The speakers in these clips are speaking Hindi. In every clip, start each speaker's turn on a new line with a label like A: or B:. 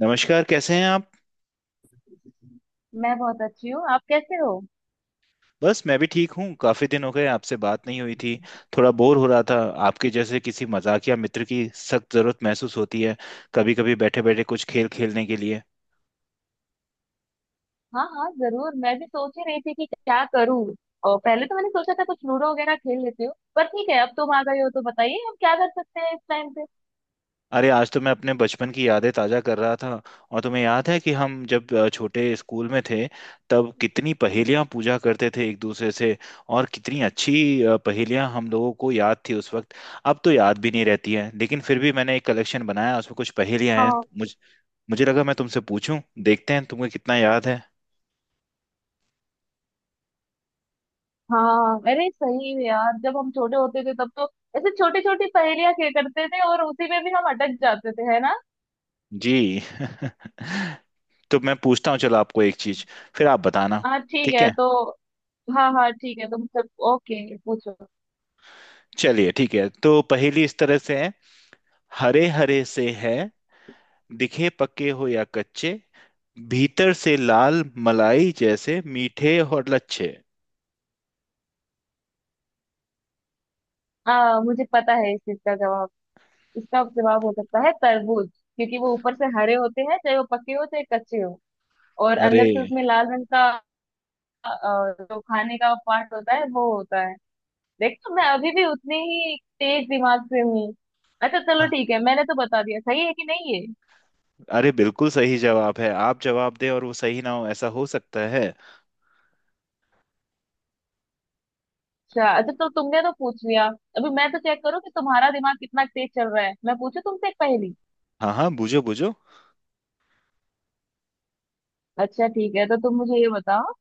A: नमस्कार, कैसे हैं आप।
B: मैं बहुत अच्छी हूँ। आप कैसे हो?
A: बस मैं भी ठीक हूँ, काफी दिन हो गए आपसे बात नहीं हुई थी। थोड़ा बोर हो रहा था। आपके जैसे किसी मजाकिया मित्र की सख्त जरूरत महसूस होती है, कभी कभी बैठे बैठे कुछ खेल खेलने के लिए।
B: हाँ हाँ, जरूर। मैं भी सोच ही रही थी कि क्या करूँ। और पहले तो मैंने सोचा था कुछ लूडो वगैरह खेल लेती हूँ, पर ठीक है, अब तुम आ गए हो तो बताइए हम क्या कर सकते हैं इस टाइम पे।
A: अरे आज तो मैं अपने बचपन की यादें ताजा कर रहा था। और तुम्हें याद है कि हम जब छोटे स्कूल में थे, तब कितनी पहेलियां पूछा करते थे एक दूसरे से। और कितनी अच्छी पहेलियां हम लोगों को याद थी उस वक्त। अब तो याद भी नहीं रहती है, लेकिन फिर भी मैंने एक कलेक्शन बनाया उसमें कुछ पहेलियां हैं।
B: हाँ
A: मुझे लगा मैं तुमसे पूछूं, देखते हैं तुम्हें कितना याद है।
B: हाँ, अरे सही है यार, जब हम छोटे होते थे तब तो ऐसे छोटी छोटी पहेलियां खेल करते थे और उसी में भी हम अटक जाते थे, है ना।
A: जी तो मैं पूछता हूँ। चलो आपको एक चीज, फिर आप बताना।
B: हाँ ठीक
A: ठीक
B: है
A: है।
B: तो। हाँ हाँ ठीक है, तुम सब ओके पूछो।
A: चलिए ठीक है, तो पहेली इस तरह से है। हरे हरे से है, दिखे पके हो या कच्चे, भीतर से लाल मलाई जैसे मीठे और लच्छे।
B: हाँ, मुझे पता है इस चीज का जवाब। इसका जवाब हो सकता है तरबूज, क्योंकि वो ऊपर से हरे होते हैं चाहे वो पके हो चाहे कच्चे हो। और
A: अरे,
B: अंदर से उसमें लाल रंग का जो खाने का पार्ट होता है वो होता है। देखो, मैं अभी भी उतनी ही तेज दिमाग से हूँ। अच्छा चलो, ठीक है मैंने तो बता दिया, सही है कि नहीं है?
A: अरे बिल्कुल सही जवाब है। आप जवाब दें और वो सही ना हो, ऐसा हो सकता है।
B: अच्छा अच्छा, तो तुमने तो पूछ लिया। अभी मैं तो चेक करूँ कि तुम्हारा दिमाग कितना तेज चल रहा है, मैं पूछू तुमसे एक पहेली।
A: हाँ हाँ, बूझो बूझो।
B: अच्छा ठीक है, तो तुम मुझे ये बताओ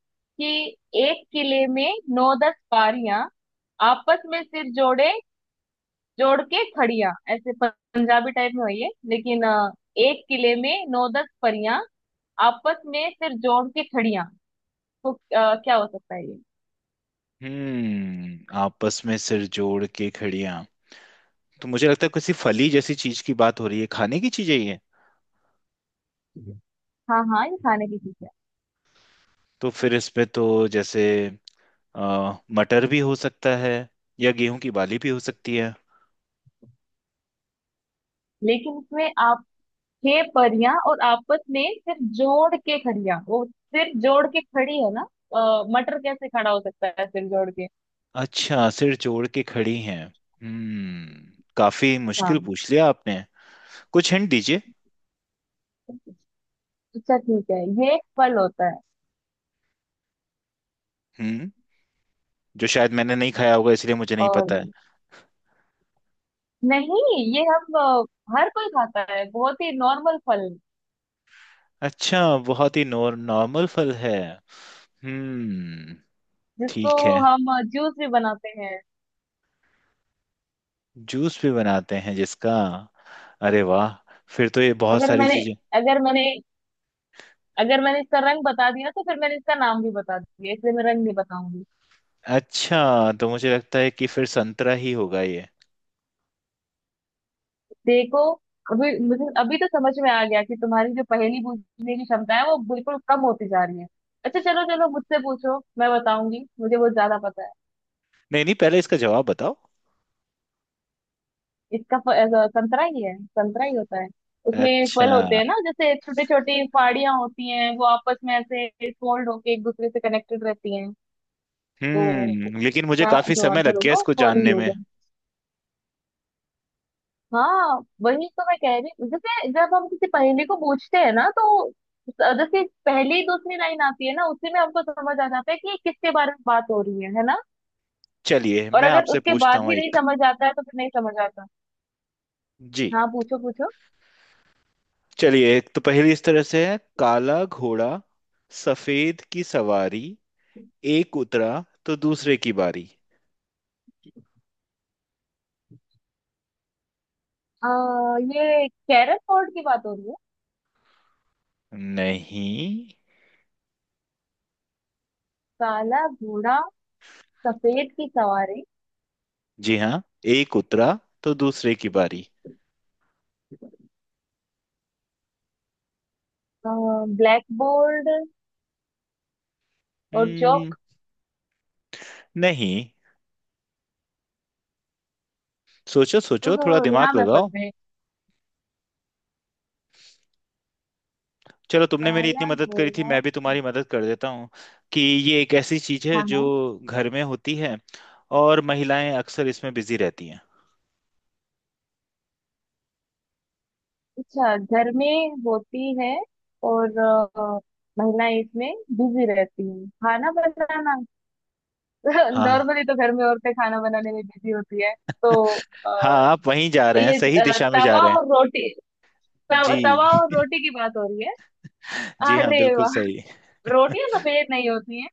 B: कि एक किले में नौ दस बारियां, आपस में सिर जोड़े जोड़ के खड़ियां, ऐसे पंजाबी टाइप में हुई है लेकिन एक किले में नौ दस परियां आपस में फिर जोड़ के खड़ियां, तो क्या हो सकता है ये?
A: हम्म, आपस में सिर जोड़ के खड़ियां। तो मुझे लगता है किसी फली जैसी चीज की बात हो रही है, खाने की चीजें ये।
B: हाँ हाँ, ये खाने की चीज है।
A: तो फिर इसमें तो, जैसे, अ, मटर भी हो सकता है, या गेहूं की बाली भी हो सकती है।
B: लेकिन इसमें आप छह परियां और आपस में फिर जोड़ के खड़ियां, वो सिर जोड़ के खड़ी है ना। मटर कैसे खड़ा हो सकता है सिर जोड़ के?
A: अच्छा, सिर जोड़ के खड़ी हैं। हम्म, काफी मुश्किल
B: हाँ
A: पूछ लिया आपने। कुछ हिंट दीजिए।
B: अच्छा ठीक है, ये एक फल होता है।
A: हम्म, जो शायद मैंने नहीं खाया होगा, इसलिए मुझे नहीं पता है।
B: और नहीं, ये हम हर कोई खाता है, बहुत ही नॉर्मल फल
A: अच्छा, बहुत ही नॉर्मल फल है। हम्म,
B: जिसको
A: ठीक है।
B: हम जूस भी बनाते हैं।
A: जूस भी बनाते हैं जिसका? अरे वाह, फिर तो ये बहुत
B: अगर
A: सारी
B: मैंने
A: चीजें।
B: अगर मैंने अगर मैंने इसका रंग बता दिया तो फिर मैंने इसका नाम भी बता दिया, इसलिए मैं रंग नहीं बताऊंगी।
A: अच्छा तो मुझे लगता है कि फिर संतरा ही होगा ये।
B: देखो, अभी मुझे अभी तो समझ में आ गया कि तुम्हारी जो पहेली पूछने की क्षमता है वो बिल्कुल कम होती जा रही है। अच्छा, चलो चलो मुझसे पूछो, मैं बताऊंगी, मुझे बहुत ज्यादा पता है।
A: नहीं नहीं, पहले इसका जवाब बताओ।
B: ऐसा संतरा ही है, संतरा ही होता है। उसमें
A: अच्छा।
B: फल होते हैं ना, जैसे छोटी छोटी फाड़ियां होती हैं, वो आपस में ऐसे फोल्ड होके एक दूसरे से कनेक्टेड रहती हैं। तो
A: हम्म, लेकिन मुझे
B: इसका
A: काफी
B: जो
A: समय
B: आंसर
A: लग गया
B: होगा वो
A: इसको
B: फल ही
A: जानने में।
B: होगा। हाँ, वही तो मैं कह रही हूँ, जैसे जब हम किसी पहेली को पूछते हैं ना, तो जैसे पहली दूसरी लाइन आती है ना, उसी में हमको समझ आ जाता है कि ये किसके बारे में बात हो रही है ना।
A: चलिए
B: और
A: मैं
B: अगर
A: आपसे
B: उसके
A: पूछता
B: बाद
A: हूँ
B: भी नहीं
A: एक।
B: समझ आता है तो फिर नहीं समझ आता।
A: जी।
B: हाँ पूछो पूछो।
A: चलिए एक तो पहली इस तरह से है। काला घोड़ा, सफेद की सवारी, एक उतरा तो दूसरे की बारी।
B: ये कैरम बोर्ड की बात हो रही है?
A: नहीं।
B: काला घोड़ा, सफेद की सवारी?
A: जी हाँ, एक उतरा तो दूसरे की बारी।
B: ब्लैक बोर्ड और
A: हम्म,
B: चौक?
A: नहीं। सोचो
B: अ,
A: सोचो, थोड़ा
B: यहाँ
A: दिमाग
B: मैं फंस
A: लगाओ।
B: गई।
A: चलो, तुमने मेरी इतनी
B: काला
A: मदद करी थी,
B: घोड़ा।
A: मैं भी तुम्हारी मदद कर देता हूँ। कि ये एक ऐसी चीज है
B: हाँ
A: जो
B: हाँ।
A: घर में होती है, और महिलाएं अक्सर इसमें बिजी रहती हैं।
B: अच्छा, घर में होती है और महिलाएं इसमें बिजी रहती हैं, खाना बनाना।
A: हाँ,
B: नॉर्मली तो घर में औरतें खाना बनाने में बिजी होती है। तो
A: हाँ
B: अ,
A: आप वहीं जा रहे हैं,
B: ये
A: सही दिशा में जा
B: तवा
A: रहे हैं।
B: और रोटी, तवा और
A: जी
B: रोटी की बात हो रही है।
A: जी हाँ
B: अरे
A: बिल्कुल
B: वाह,
A: सही।
B: रोटियां सफेद नहीं होती हैं।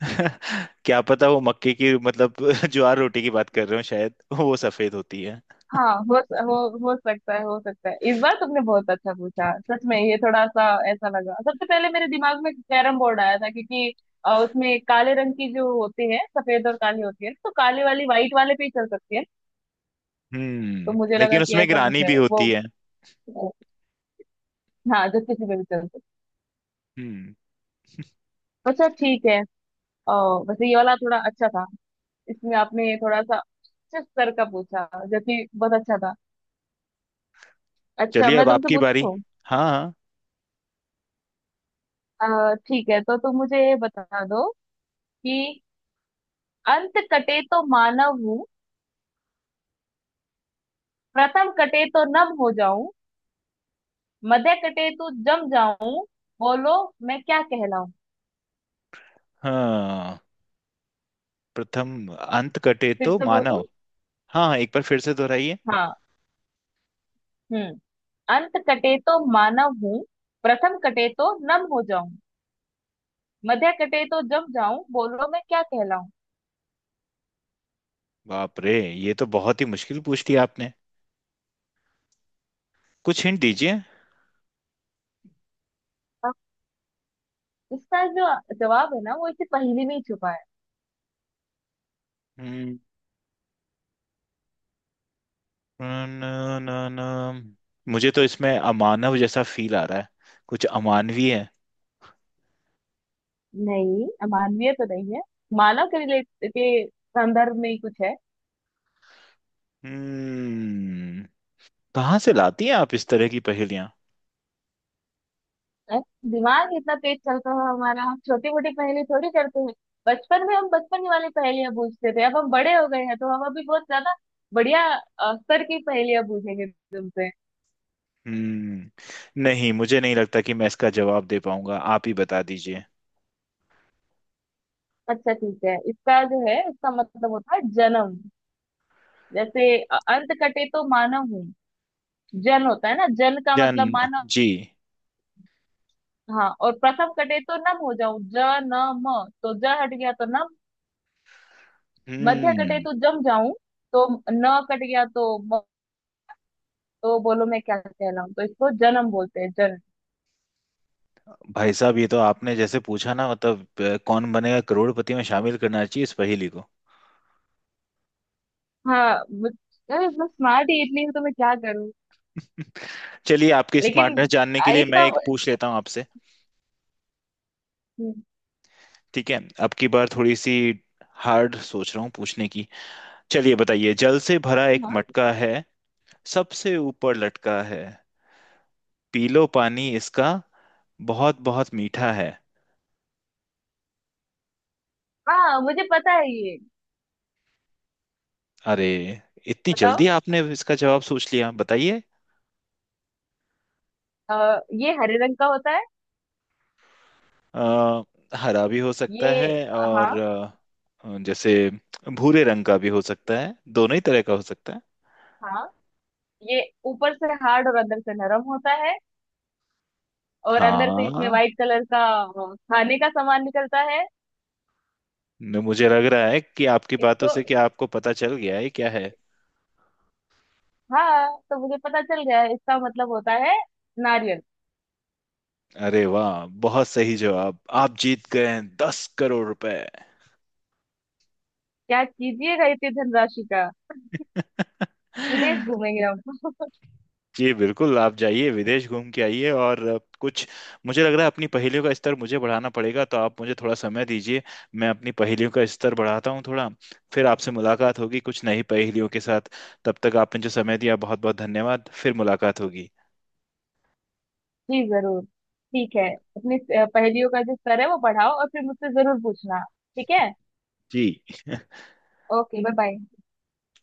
A: क्या पता, वो मक्के की मतलब ज्वार रोटी की बात कर रहे हो, शायद वो सफेद होती है।
B: हाँ, हो सकता है, हो सकता है। इस बार तुमने बहुत अच्छा पूछा, सच में ये थोड़ा सा ऐसा लगा, सबसे पहले मेरे दिमाग में कैरम बोर्ड आया था क्योंकि उसमें काले रंग की जो होती है, सफेद और काली होती है, तो काले वाली व्हाइट वाले पे ही चल सकती है। तो
A: हम्म,
B: मुझे लगा
A: लेकिन
B: कि
A: उसमें
B: ऐसा कुछ
A: ग्रानी
B: है
A: भी
B: वो,
A: होती है।
B: हाँ, जो किसी पे भी चल सकती
A: हम्म।
B: है। अच्छा ठीक है, अ, वैसे ये वाला थोड़ा अच्छा था। इसमें आपने थोड़ा सा अच्छे स्तर का पूछा, जो कि बहुत अच्छा था। अच्छा
A: चलिए
B: मैं
A: अब
B: तुमसे
A: आपकी बारी।
B: पूछूं।
A: हाँ हाँ।
B: ठीक है तो तुम मुझे ये बता दो कि अंत कटे तो मानव हूँ, प्रथम कटे तो नभ हो जाऊं, मध्य कटे तो जम जाऊं, बोलो मैं क्या कहलाऊं?
A: हाँ प्रथम अंत कटे
B: फिर
A: तो
B: से बोलो।
A: मानव हाँ, हाँ एक बार फिर से दोहराइए।
B: हाँ हम्म। अंत कटे तो मानव हूँ, प्रथम कटे तो नभ हो जाऊं, मध्य कटे तो जम जाऊं, बोलो मैं क्या कहलाऊं?
A: बाप रे, ये तो बहुत ही मुश्किल पूछ लिया आपने। कुछ हिंट दीजिए।
B: अब इसका जो जवाब है ना, वो इसी पहेली में ही छुपा है।
A: हम्म, न, न, न, मुझे तो इसमें अमानव जैसा फील आ रहा है। कुछ अमानवीय है।
B: नहीं, मानवीय तो नहीं है, मानव के रिलेट के संदर्भ में ही कुछ है।
A: हम्म, कहाँ से लाती हैं आप इस तरह की पहेलियां।
B: है? दिमाग इतना तेज चलता है हमारा, हम छोटी मोटी पहेली थोड़ी करते हैं। बचपन में हम बचपन ही वाली पहेलियां बूझते थे, अब हम बड़े हो गए हैं तो हम अभी बहुत ज्यादा बढ़िया स्तर की पहेलियां बूझेंगे तुमसे।
A: हम्म, नहीं मुझे नहीं लगता कि मैं इसका जवाब दे पाऊंगा, आप ही बता दीजिए।
B: अच्छा ठीक है, इसका जो है इसका मतलब होता है जन्म। जैसे अंत कटे तो मानव हूँ, जन होता है ना, जन का
A: जन।
B: मतलब मानव।
A: जी।
B: हाँ, और प्रथम कटे तो नम हो जाऊं, ज न म, तो ज हट गया तो नम। मध्य कटे
A: हम्म।
B: तो जम जाऊं, तो न कट गया तो म। तो बोलो मैं क्या कहलाऊं, तो इसको जन्म बोलते हैं, जन्म।
A: भाई साहब, ये तो आपने जैसे पूछा ना, मतलब कौन बनेगा करोड़पति में शामिल करना चाहिए इस पहेली को।
B: हाँ, अरे मैं स्मार्ट ही इतनी हूँ, तो मैं क्या करूँ।
A: चलिए आपकी स्मार्टनेस
B: लेकिन
A: जानने के लिए मैं
B: इसका
A: एक पूछ लेता हूँ आपसे।
B: हम्म,
A: ठीक है, अब की बार थोड़ी सी हार्ड सोच रहा हूँ पूछने की। चलिए बताइए। जल से भरा एक
B: हाँ
A: मटका है, सबसे ऊपर लटका है, पी लो पानी इसका, बहुत बहुत मीठा है।
B: हाँ, मुझे पता है ये।
A: अरे, इतनी
B: बताओ,
A: जल्दी आपने इसका जवाब सोच लिया? बताइए।
B: ये हरे रंग का होता है
A: अ, हरा भी हो सकता
B: ये।
A: है,
B: हाँ
A: और जैसे भूरे रंग का भी हो सकता है, दोनों ही तरह का हो सकता है।
B: हाँ, ये ऊपर से हार्ड और अंदर से नरम होता है। और अंदर से इसमें
A: हाँ।
B: व्हाइट कलर का खाने का सामान निकलता है
A: मुझे लग रहा है कि आपकी बातों
B: इसको।
A: से कि आपको पता चल गया है क्या है।
B: हाँ, तो मुझे पता चल गया है, इसका मतलब होता है नारियल।
A: अरे वाह, बहुत सही जवाब, आप जीत गए हैं 10 करोड़ रुपए।
B: क्या कीजिएगा इतनी धनराशि का? विदेश घूमेंगे हम।
A: जी बिल्कुल, आप जाइए विदेश घूम के आइए। और कुछ, मुझे लग रहा है अपनी पहेलियों का स्तर मुझे बढ़ाना पड़ेगा, तो आप मुझे थोड़ा समय दीजिए। मैं अपनी पहेलियों का स्तर बढ़ाता हूँ थोड़ा। फिर आपसे मुलाकात होगी कुछ नई पहेलियों के साथ। तब तक आपने जो समय दिया, बहुत बहुत धन्यवाद। फिर मुलाकात होगी।
B: जी जरूर, ठीक है। अपनी पहेलियों का जो स्तर है वो बढ़ाओ और फिर मुझसे जरूर पूछना। ठीक है,
A: जी
B: ओके बाय बाय।